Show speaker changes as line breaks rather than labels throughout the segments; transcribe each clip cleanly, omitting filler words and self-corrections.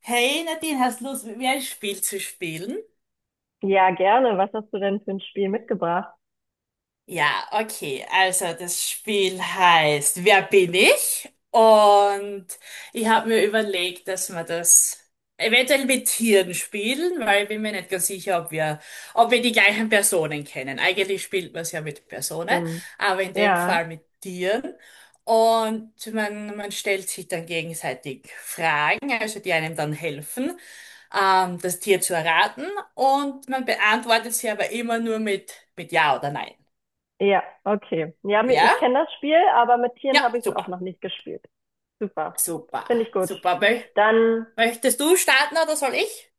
Hey Nadine, hast du Lust, mit mir ein Spiel zu spielen?
Ja, gerne. Was hast du denn für ein Spiel mitgebracht?
Ja, okay. Also das Spiel heißt Wer bin ich? Und ich habe mir überlegt, dass wir das eventuell mit Tieren spielen, weil ich bin mir nicht ganz sicher, ob wir die gleichen Personen kennen. Eigentlich spielt man es ja mit Personen,
Stimmt.
aber in dem
Ja,
Fall mit Tieren. Und man stellt sich dann gegenseitig Fragen, also die einem dann helfen, das Tier zu erraten. Und man beantwortet sie aber immer nur mit Ja oder Nein.
ja, okay. Ja, Ich
Ja?
kenne das Spiel, aber mit
Ja,
Tieren habe ich es auch
super.
noch nicht gespielt. Super.
Super.
Finde ich gut.
Super. Mö
Dann,
möchtest du starten oder soll ich?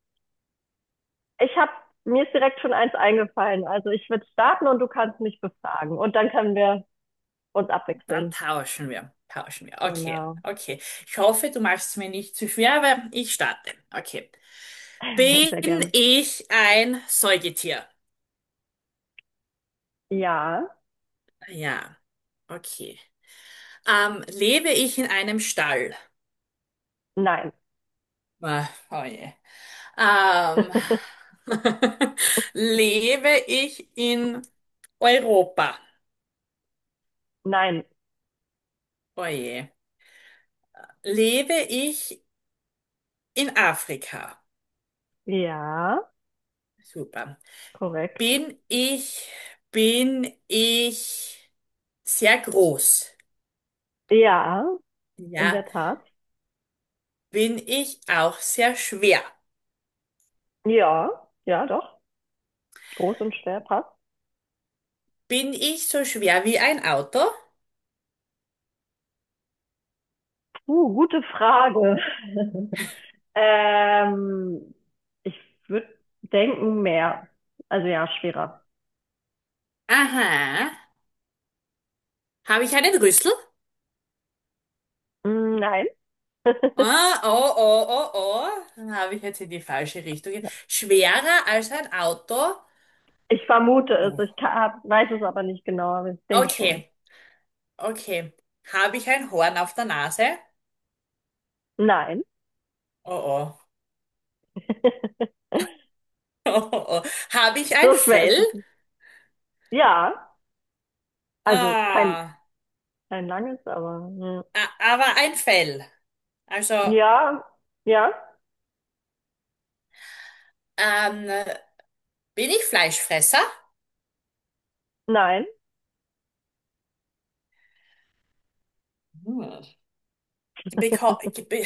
ich habe, Mir ist direkt schon eins eingefallen. Also ich würde starten und du kannst mich befragen. Und dann können wir uns
Dann
abwechseln.
tauschen wir. Tauschen wir. Okay,
Genau.
okay. Ich hoffe, du machst es mir nicht zu schwer, aber ich starte. Okay. Bin
Sehr gerne.
ich ein Säugetier?
Ja,
Ja, okay. Lebe ich in einem Stall?
nein,
Ah, oh je. Ähm, lebe ich in Europa?
nein.
Oh je. Lebe ich in Afrika?
Ja,
Super.
korrekt.
Bin ich, bin ich sehr groß?
Ja, in der
Ja.
Tat.
Bin ich auch sehr schwer?
Ja, ja, doch. Groß und schwer passt.
Bin ich so schwer wie ein Auto?
Gute Frage. Ähm, Ich würde denken mehr. Also ja, schwerer.
Aha. Habe ich einen Rüssel?
Nein.
Ah, oh, oh, oh, oh. Dann habe ich jetzt in die falsche Richtung. Schwerer als ein Auto?
Ich vermute es.
Uh.
Weiß es aber nicht genau, aber ich denke schon.
Okay, okay. Habe ich ein Horn auf der Nase?
Nein.
Oh, oh. Oh, oh, oh. Habe ich ein
So schwer ist
Fell?
es nicht. Ja, also
Ah,
kein langes, aber ja.
aber ein Fell. Also,
Ja, ja.
ähm, bin ich Fleischfresser?
Nein.
Hm. Beko be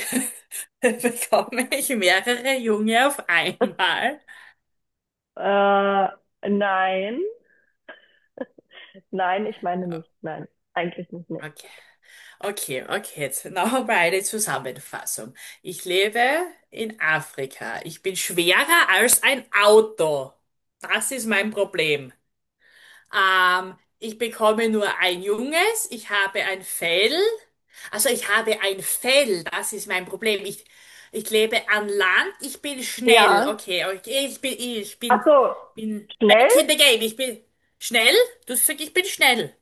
bekomme ich mehrere Junge auf einmal?
Äh, nein. Nein, ich meine nicht. Nein, eigentlich nicht. Nee.
Okay, okay, okay. Jetzt nochmal eine Zusammenfassung. Ich lebe in Afrika. Ich bin schwerer als ein Auto. Das ist mein Problem. Ich bekomme nur ein junges, ich habe ein Fell. Also ich habe ein Fell, das ist mein Problem. Ich lebe an Land, ich bin schnell.
Ja.
Okay, okay,
Ach so,
bin
schnell?
back in the game. Ich bin schnell. Du sagst, ich bin schnell.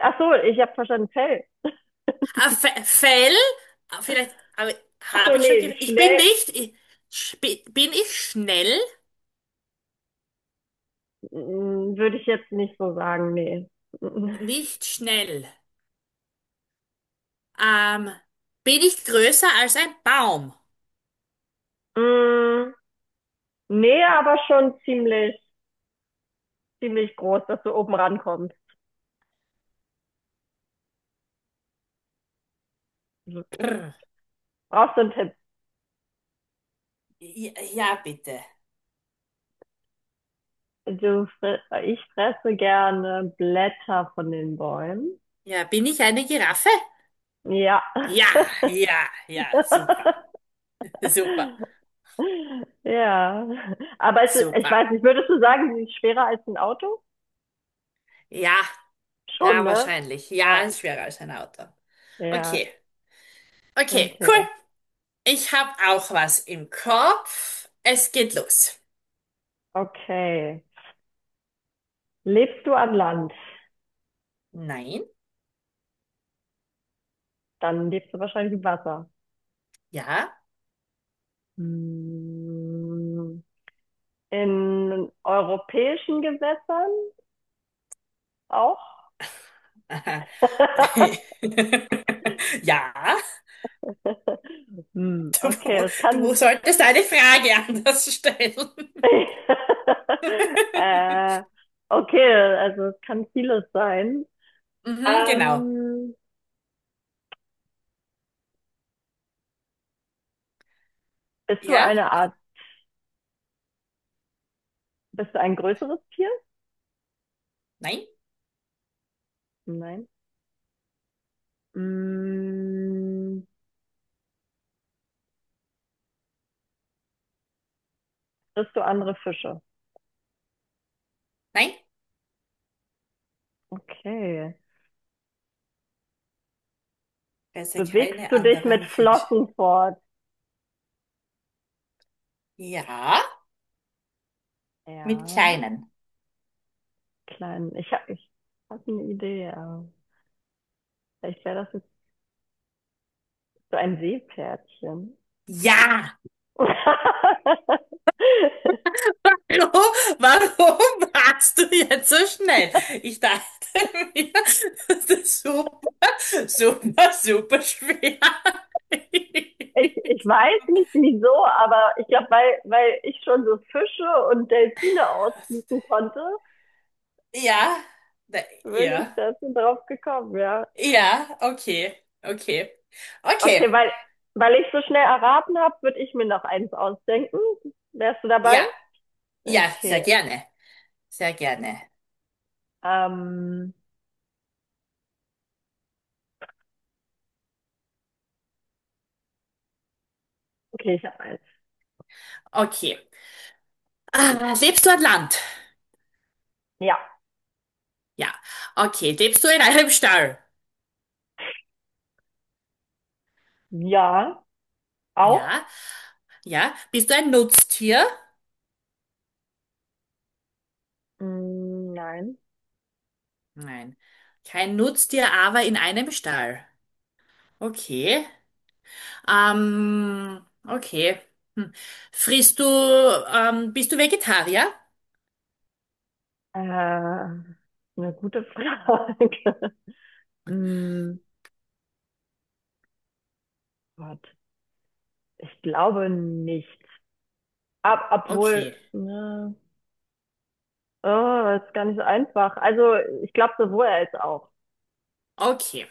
Ach so, ich habe verstanden, Fell.
Fell, ah, vielleicht, aber
Ach so,
habe ich schon
nee,
gesagt. Ich bin
schnell?
nicht, ich, bin ich schnell?
Würde ich jetzt nicht so sagen, nee. Mm,
Nicht schnell. Ähm, bin ich größer als ein Baum?
mm, Nee, aber schon ziemlich groß, dass du oben rankommst. Brauchst du einen Tipp?
Ja, ja, bitte.
Du, ich fresse gerne Blätter von den Bäumen.
Ja, bin ich eine Giraffe?
Ja.
Ja, ja, ja, super, super,
Ja. Aber ich
super.
weiß nicht, würdest du sagen, sie ist schwerer als ein Auto?
Ja,
Schon,
ja,
ne?
wahrscheinlich. Ja,
Ja.
ist schwerer als ein Auto.
Ja.
Okay, okay, cool.
Okay.
Ich habe auch was im Kopf. Es geht los.
Okay. Lebst du an Land?
Nein,
Dann lebst du wahrscheinlich im Wasser.
ja.
Hm. In europäischen Gewässern auch?
Aha. Ja,
Hm,
du,
okay, es kann.
du solltest eine Frage anders stellen.
äh, okay, also es kann vieles sein.
Mhm, genau.
Ähm, bist du
Ja,
eine Art, Bist du ein größeres Tier?
nein,
Nein. Hm, bist du andere Fische?
nein.
Okay.
Besser
Bewegst
keine
du dich mit
anderen Fische.
Flossen fort?
Ja, mit
Ja.
kleinen.
Kleinen. Ich habe ich hab eine Idee. Aber vielleicht wäre das jetzt so ein Seepferdchen.
Ja! Hallo, warum warst du jetzt so schnell? Ich dachte mir, das ist super, super, super schwer.
Ich weiß nicht wieso, aber ich glaube, weil ich schon so Fische und Delfine ausschießen konnte,
Ja, da,
bin ich
ja,
dazu drauf gekommen, ja.
ja, okay, okay, okay,
Okay, weil ich so schnell erraten habe, würde ich mir noch eins ausdenken. Wärst du
ja,
dabei?
ja, sehr
Okay,
gerne, sehr gerne.
ähm, okay, ich habe eins.
Okay. Ah, lebst du an Land?
Ja.
Ja. Okay. Lebst du in einem Stall?
Ja,
Ja.
auch?
Ja, bist du ein Nutztier?
Mm, nein.
Nein. Kein Nutztier, aber in einem Stall. Okay. Okay. Hm. Bist du Vegetarier?
Eine gute Frage. Hm, Gott, ich glaube nicht. Ab, obwohl,
Okay.
ne, oh, das ist gar nicht so einfach. Also, ich glaube sowohl als auch.
Okay.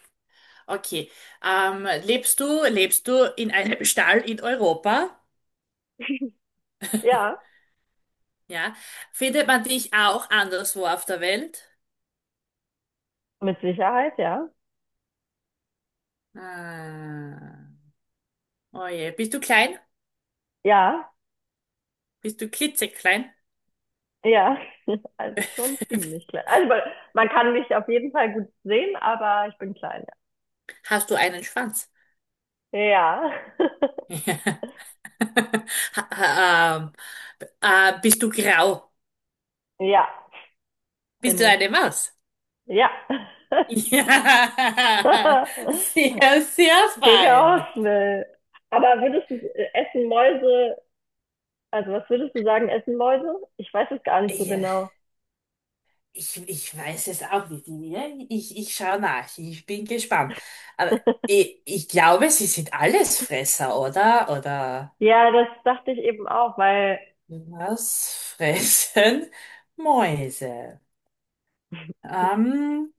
Okay. Lebst du in einem Stall in Europa?
Ja,
Ja. Findet man dich auch anderswo auf der Welt?
mit Sicherheit, ja.
Ah. Oh je. Bist du klein?
Ja,
Bist du klitzeklein?
ja. Also schon ziemlich klein. Also, man kann mich auf jeden Fall gut sehen, aber ich bin klein,
Hast du einen Schwanz?
ja. Ja,
Ha- Ähm, bist du grau?
ja, bin
Bist du
ich.
eine Maus?
Ja.
Ja, sehr, sehr
Gegen
fein.
außen, ey. Aber würdest du, essen Mäuse, also was würdest du sagen, essen Mäuse? Ich weiß es gar nicht so
Ja,
genau.
ich weiß es auch nicht. Ja, ich schaue nach. Ich bin gespannt. Aber ich glaube, sie sind Allesfresser, oder? Oder
Ja, das dachte ich eben auch, weil,
was fressen Mäuse? Ähm,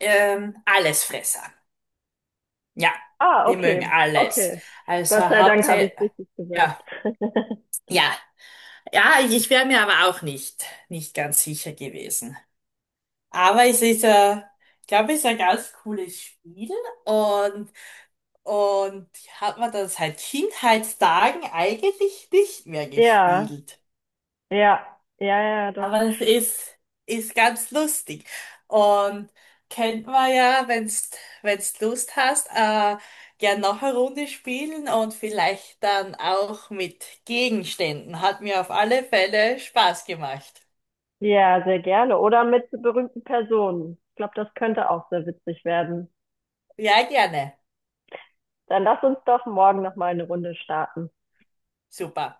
Allesfresser. Ja,
ah,
die mögen
okay,
alles.
okay. Gott
Also
sei Dank habe ich
hauptsächlich.
es richtig
Ja.
gesagt.
Ja, ja, ich wäre mir aber auch nicht ganz sicher gewesen. Aber es ist ich glaube, es ist ein ganz cooles Spiel und, und hat man das seit Kindheitstagen eigentlich nicht mehr
Ja,
gespielt.
ja, ja, ja, doch.
Aber ist ganz lustig. Und kennt man ja, wenn's Lust hast, gern noch eine Runde spielen und vielleicht dann auch mit Gegenständen. Hat mir auf alle Fälle Spaß gemacht.
Ja, sehr gerne. Oder mit berühmten Personen. Ich glaube, das könnte auch sehr witzig werden.
Ja, gerne.
Dann lass uns doch morgen noch mal eine Runde starten.
Super.